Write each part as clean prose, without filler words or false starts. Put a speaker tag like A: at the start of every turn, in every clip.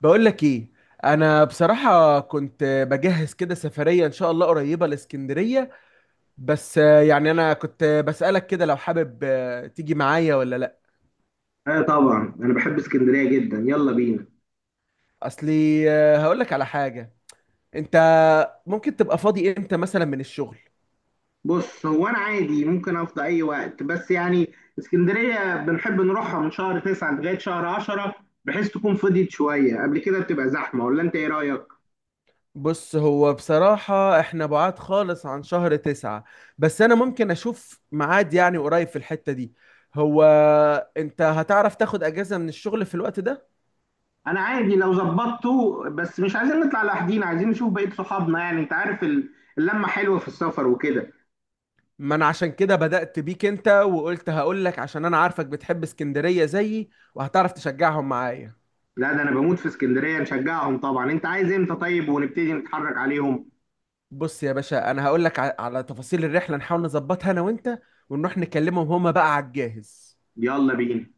A: بقول لك ايه. انا بصراحة كنت بجهز كده سفرية ان شاء الله قريبة لاسكندرية. بس يعني انا كنت بسألك كده لو حابب، تيجي معايا ولا لا؟
B: اه طبعا انا بحب اسكندريه جدا، يلا بينا.
A: اصلي هقول لك على حاجة. انت ممكن تبقى فاضي امتى مثلا من الشغل؟
B: بص، هو انا عادي ممكن افضى اي وقت، بس يعني اسكندريه بنحب نروحها من شهر تسعة لغايه شهر عشرة، بحيث تكون فضيت شويه قبل كده بتبقى زحمه. ولا انت ايه رايك؟
A: بص، هو بصراحة احنا بعاد خالص عن شهر تسعة، بس انا ممكن اشوف ميعاد يعني قريب في الحتة دي. هو انت هتعرف تاخد اجازة من الشغل في الوقت ده؟
B: انا عادي لو ظبطته، بس مش عايزين نطلع لوحدينا، عايزين نشوف بقيه صحابنا. يعني انت عارف اللمه حلوه في السفر وكده.
A: ما انا عشان كده بدأت بيك انت وقلت هقول لك، عشان انا عارفك بتحب اسكندرية زيي وهتعرف تشجعهم معايا.
B: لا، ده انا بموت في اسكندريه، نشجعهم طبعا. انت عايز امتى طيب ونبتدي نتحرك عليهم؟
A: بص يا باشا، انا هقول لك على تفاصيل الرحلة نحاول نظبطها انا وانت، ونروح نكلمهم هما بقى على الجاهز.
B: يلا بينا.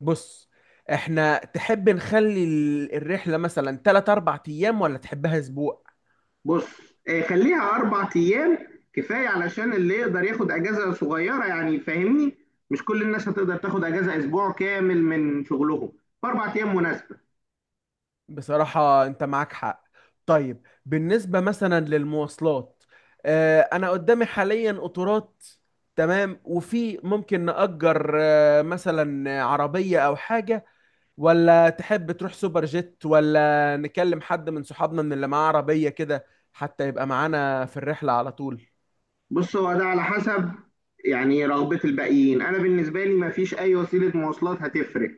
A: بص، احنا تحب نخلي الرحلة مثلا 3 4 ايام ولا تحبها اسبوع؟
B: بص، خليها اربع ايام، كفايه علشان اللي يقدر ياخد اجازه صغيره، يعني فاهمني؟ مش كل الناس هتقدر تاخد اجازه اسبوع كامل من شغلهم، فاربع ايام مناسبه.
A: بصراحة أنت معاك حق. طيب بالنسبة مثلا للمواصلات، أنا قدامي حاليا قطارات، تمام، وفي ممكن نأجر مثلا عربية أو حاجة، ولا تحب تروح سوبر جيت، ولا نكلم حد من صحابنا من اللي معاه عربية كده حتى يبقى معانا في الرحلة على طول؟
B: بص، هو ده على حسب، يعني رغبه الباقيين. انا بالنسبه لي ما فيش اي وسيله مواصلات هتفرق،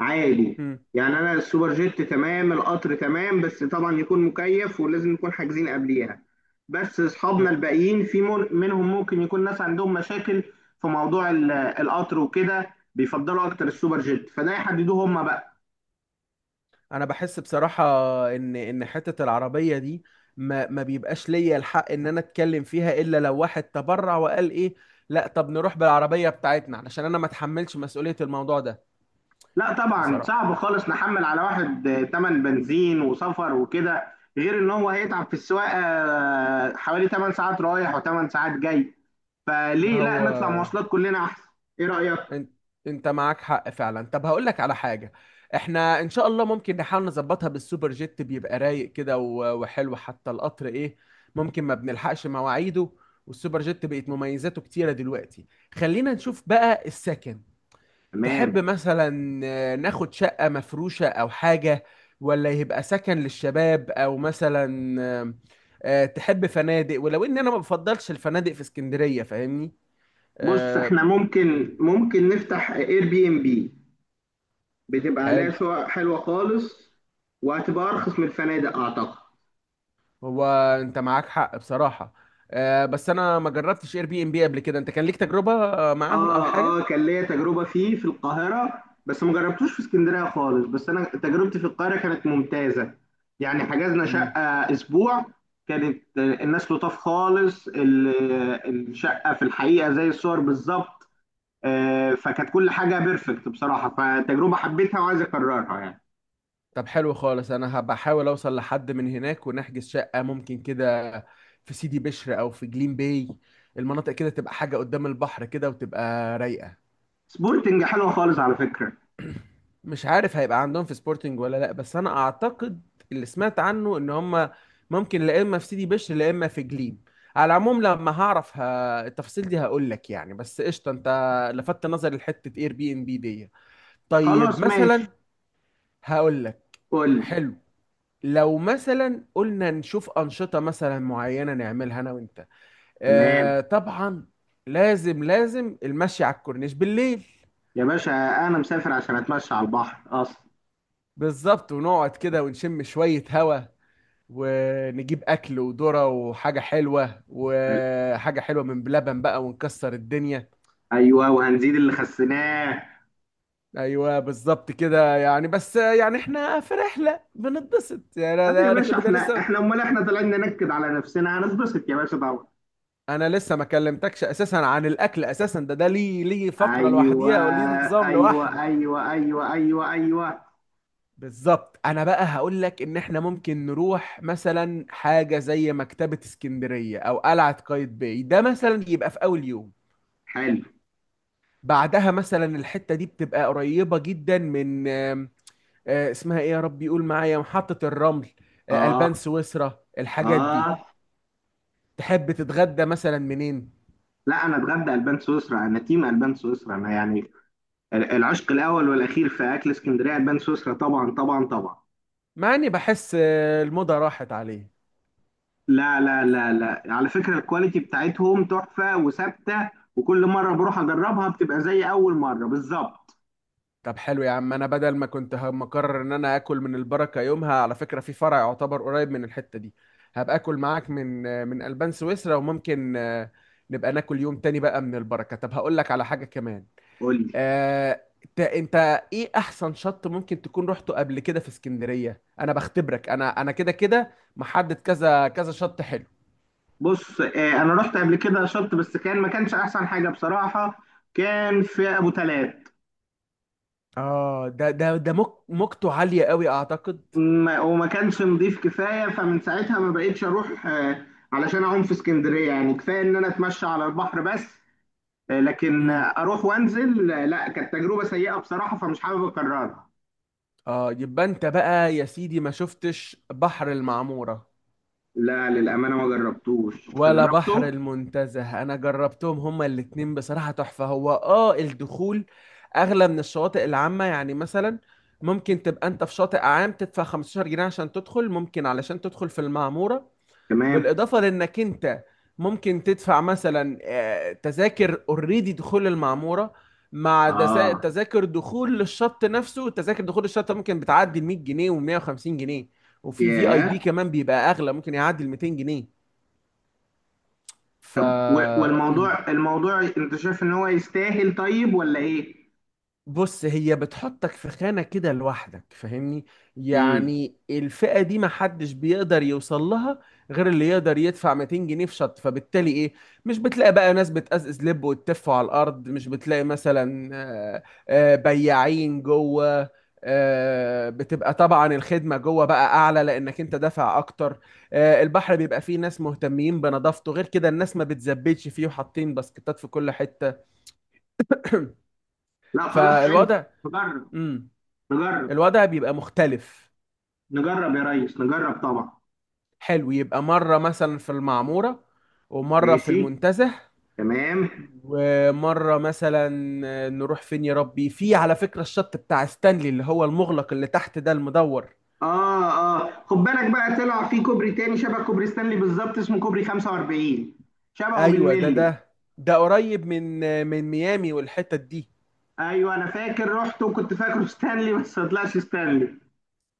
B: عادي.
A: مم.
B: يعني انا السوبر جيت تمام، القطر تمام، بس طبعا يكون مكيف ولازم نكون حاجزين قبليها. بس اصحابنا الباقيين في منهم ممكن يكون ناس عندهم مشاكل في موضوع القطر وكده، بيفضلوا اكتر السوبر جيت، فده يحددوه هم بقى.
A: انا بحس بصراحه ان حته العربيه دي ما بيبقاش ليا الحق ان انا اتكلم فيها الا لو واحد تبرع وقال ايه، لا طب نروح بالعربيه بتاعتنا، علشان انا ما اتحملش مسؤوليه الموضوع ده.
B: لا طبعا،
A: بصراحه،
B: صعب خالص نحمل على واحد تمن بنزين وسفر وكده، غير ان هو هيتعب في السواقه حوالي 8 ساعات رايح و8 ساعات جاي.
A: إن
B: فليه لا
A: هو
B: نطلع مواصلات كلنا احسن؟ ايه رايك؟
A: انت انت معاك حق فعلا. طب هقول لك على حاجه. احنا ان شاء الله ممكن نحاول نظبطها بالسوبر جيت، بيبقى رايق كده وحلو. حتى القطر، ايه، ممكن ما بنلحقش مواعيده، والسوبر جيت بقت مميزاته كتيره دلوقتي. خلينا نشوف بقى السكن. تحب
B: تمام.
A: مثلا ناخد شقة مفروشة أو حاجة، ولا يبقى سكن للشباب، أو مثلا، تحب فنادق؟ ولو إن أنا ما بفضلش الفنادق في اسكندرية، فاهمني.
B: بص،
A: آه،
B: احنا
A: مم.
B: ممكن نفتح اير بي ام بي، بتبقى عليها
A: حلو.
B: شقق حلوه خالص، وهتبقى ارخص من الفنادق اعتقد.
A: هو أنت معاك حق بصراحة. بس أنا ما جربتش اير بي ام بي قبل كده. أنت كان ليك تجربة معاهم أو
B: اه
A: حاجة؟
B: اه، كان ليا تجربه فيه في القاهره، بس ما جربتوش في اسكندريه خالص. بس انا تجربتي في القاهره كانت ممتازه، يعني حجزنا
A: مم.
B: شقه اسبوع، كانت الناس لطاف خالص، الشقه في الحقيقه زي الصور بالظبط. فكانت كل حاجه بيرفكت بصراحه، فتجربه حبيتها وعايز اكررها يعني.
A: طب حلو خالص. انا هبقى احاول اوصل لحد من هناك ونحجز شقة ممكن كده، في سيدي بشر او في جليم باي، المناطق كده، تبقى حاجة قدام البحر كده وتبقى رايقة.
B: سبورتنج حلوه خالص على فكره.
A: مش عارف هيبقى عندهم في سبورتنج ولا لا، بس انا اعتقد اللي سمعت عنه ان هم ممكن، لا اما في سيدي بشر لا اما في جليم. على العموم لما هعرف التفاصيل دي هقول لك يعني. بس قشطة، انت لفت نظري لحتة اير بي ام بي دي. طيب
B: خلاص ماشي.
A: مثلا هقول لك.
B: فل.
A: حلو، لو مثلا قلنا نشوف أنشطة مثلا معينة نعملها أنا وأنت.
B: تمام
A: آه طبعا. لازم لازم المشي على الكورنيش بالليل.
B: يا باشا، انا مسافر عشان اتمشى على البحر اصلا.
A: بالظبط، ونقعد كده ونشم شوية هوا، ونجيب أكل وذرة وحاجة حلوة،
B: قال،
A: وحاجة حلوة من بلبن بقى، ونكسر الدنيا.
B: ايوه، وهنزيد اللي خسيناه.
A: أيوة بالظبط كده يعني. بس يعني إحنا في رحلة بنتبسط، يعني
B: اه يا
A: أنا كل
B: باشا،
A: ده
B: احنا
A: لسه.
B: احنا امال احنا طالعين ننكد على نفسنا؟ هنتبسط يا باشا طبعا.
A: انا لسه ما كلمتكش اساسا عن الاكل، اساسا ده ليه فقره
B: ايوه،
A: لوحديها وليه نظام
B: ايوه،
A: لوحده.
B: ايوه، ايوه، ايوه، ايوه،
A: بالظبط. انا بقى هقول لك ان احنا ممكن نروح مثلا حاجه زي مكتبه اسكندريه او قلعه قايتباي، ده مثلا يبقى في اول يوم.
B: حلو.
A: بعدها مثلا الحته دي بتبقى قريبه جدا من، آم، آه، اسمها ايه يا رب يقول معايا، محطه الرمل،
B: اه
A: البان سويسرا، الحاجات دي.
B: اه،
A: تحب تتغدى مثلا منين؟
B: لا، انا اتغدى البان سويسرا، انا تيم البان سويسرا انا، يعني العشق الاول والاخير في اكل اسكندريه البان سويسرا، طبعا طبعا طبعا.
A: مع اني بحس الموضه راحت عليه.
B: لا لا لا لا، على فكرة الكواليتي بتاعتهم تحفة وثابتة، وكل مرة بروح أجربها بتبقى زي أول مرة بالظبط.
A: طب حلو يا عم. انا بدل ما كنت مقرر ان انا اكل من البركه يومها، على فكره في فرع يعتبر قريب من الحته دي، هبقى اكل معاك من البان سويسرا، وممكن نبقى ناكل يوم تاني بقى من البركه. طب هقول لك على حاجه كمان.
B: قول لي.
A: آه، انت، ايه احسن شط ممكن تكون رحته قبل كده في اسكندريه؟ انا بختبرك. انا كده كده محدد كذا كذا شط حلو.
B: بص، أنا رحت قبل كده شط، بس كان ما كانش أحسن حاجة بصراحة، كان في أبو تلات.
A: اه، ده موجته عاليه قوي اعتقد.
B: وما كانش نضيف كفاية، فمن ساعتها ما بقيتش أروح. علشان أعوم في اسكندرية، يعني كفاية إن أنا أتمشى على البحر بس. لكن
A: امم
B: أروح وأنزل، لا، كانت تجربة سيئة بصراحة، فمش حابب أكررها.
A: اه، يبقى انت بقى يا سيدي ما شفتش بحر المعموره
B: لا للأمانة ما جربتوش، أنت
A: ولا بحر
B: جربته؟
A: المنتزه؟ انا جربتهم هما الاتنين، بصراحة تحفة. هو الدخول اغلى من الشواطئ العامة، يعني مثلا ممكن تبقى انت في شاطئ عام تدفع 15 جنيه عشان تدخل، ممكن علشان تدخل في المعمورة،
B: تمام.
A: بالاضافة لانك انت ممكن تدفع مثلا، تذاكر، اوريدي دخول المعمورة مع
B: اه.
A: تذاكر دخول للشط نفسه. تذاكر دخول الشط ممكن بتعدي ال 100 جنيه و150 جنيه، وفي في اي
B: ياه.
A: بي كمان بيبقى اغلى، ممكن يعدي ال 200 جنيه. ف
B: طب، والموضوع، الموضوع انت شايف ان هو يستاهل طيب ولا ايه؟
A: بص، هي بتحطك في خانة كده لوحدك، فاهمني.
B: امم
A: يعني الفئة دي محدش بيقدر يوصل لها غير اللي يقدر يدفع 200 جنيه في شط، فبالتالي ايه، مش بتلاقي بقى ناس بتقزقز لب وتتف على الارض، مش بتلاقي مثلا، بياعين جوه، بتبقى طبعا الخدمة جوه بقى اعلى لانك انت دافع اكتر، البحر بيبقى فيه ناس مهتمين بنظافته، غير كده الناس ما بتزبدش فيه وحاطين باسكتات في كل حتة.
B: لا خلاص، حلو.
A: فالوضع،
B: نجرب،
A: امم
B: نجرب،
A: الوضع بيبقى مختلف.
B: نجرب يا ريس، نجرب طبعا.
A: حلو، يبقى مرة مثلا في المعمورة، ومرة في
B: ماشي،
A: المنتزه،
B: تمام.
A: ومرة مثلا نروح فين يا ربي. في، على فكرة، الشط بتاع ستانلي اللي هو المغلق اللي تحت ده المدور.
B: اه اه، خد بالك بقى، طلع في كوبري تاني شبه كوبري ستانلي بالظبط، اسمه كوبري 45، شبهه
A: ايوه، ده
B: بالملي.
A: ده ده قريب من ميامي والحتت دي.
B: ايوه، انا فاكر رحت وكنت فاكره ستانلي، بس ما طلعش ستانلي.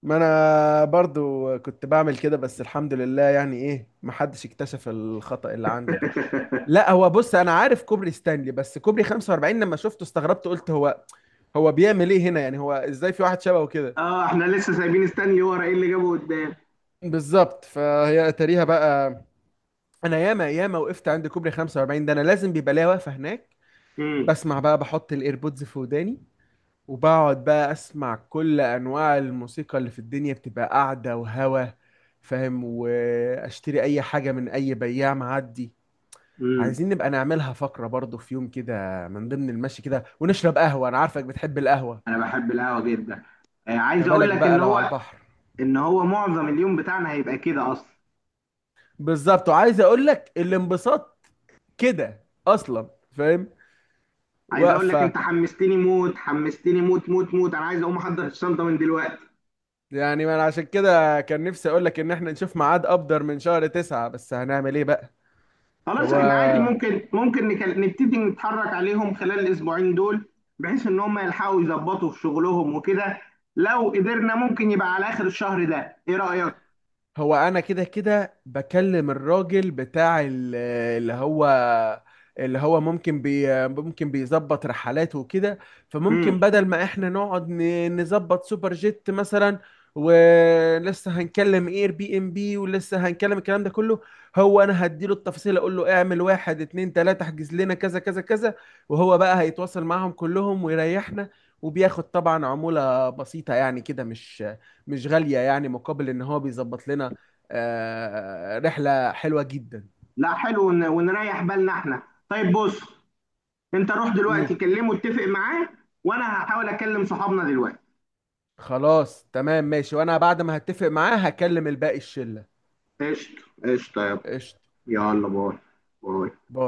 A: ما انا برضو كنت بعمل كده، بس الحمد لله، يعني ايه، محدش اكتشف الخطأ اللي عندي ده. لا، هو بص، انا عارف كوبري ستانلي، بس كوبري 45 لما شفته استغربت، قلت هو بيعمل ايه هنا يعني، هو ازاي في واحد شبهه كده.
B: اه، احنا لسه سايبين ستانلي ورا، ايه اللي جابه قدام؟
A: بالظبط، فهي اتاريها بقى. انا ياما ياما وقفت عند كوبري 45 ده، انا لازم بيبقى ليا واقفه هناك، بسمع بقى، بحط الايربودز في وداني، وبقعد بقى اسمع كل انواع الموسيقى اللي في الدنيا، بتبقى قاعده وهوا، فاهم، واشتري اي حاجه من اي بياع معدي.
B: امم
A: عايزين نبقى نعملها فقره برضو في يوم كده، من ضمن المشي كده، ونشرب قهوه، انا عارفك بتحب القهوه.
B: انا بحب القهوه جدا.
A: ما
B: عايز اقول
A: بالك
B: لك
A: بقى
B: ان
A: لو على
B: هو
A: البحر.
B: ان هو معظم اليوم بتاعنا هيبقى كده اصلا.
A: بالظبط، وعايز اقول لك الانبساط كده اصلا، فاهم،
B: عايز اقول لك،
A: واقفه.
B: انت حمستني موت، حمستني موت موت موت، انا عايز اقوم احضر الشنطه من دلوقتي.
A: يعني ما انا عشان كده كان نفسي اقول لك ان احنا نشوف ميعاد ابدر من شهر تسعة، بس هنعمل ايه بقى.
B: خلاص،
A: هو
B: احنا عادي ممكن نبتدي نتحرك عليهم خلال الاسبوعين دول، بحيث ان هم يلحقوا يظبطوا في شغلهم وكده. لو قدرنا ممكن يبقى على اخر الشهر ده، ايه رايك؟
A: هو انا كده كده بكلم الراجل بتاع اللي هو اللي هو ممكن بي ممكن بيظبط رحلات وكده.
B: امم
A: فممكن بدل ما احنا نقعد نظبط سوبر جيت مثلا، ولسه هنكلم اير بي ام بي، ولسه هنكلم الكلام ده كله. هو انا هديله التفاصيل، اقول له اعمل واحد اتنين تلاتة، احجز لنا كذا كذا كذا، وهو بقى هيتواصل معهم كلهم ويريحنا، وبياخد طبعا عمولة بسيطة يعني، كده مش غالية يعني، مقابل ان هو بيظبط لنا رحلة حلوة جدا.
B: لا حلو، ونريح بالنا احنا. طيب بص، انت روح دلوقتي
A: امم
B: كلمه اتفق معاه، وانا هحاول اكلم صحابنا دلوقتي.
A: خلاص تمام ماشي، وانا بعد ما هتفق معاه هكلم الباقي الشلة.
B: قشطة، قشطة يا ابني.
A: قشطة.
B: يلا، باي. باي.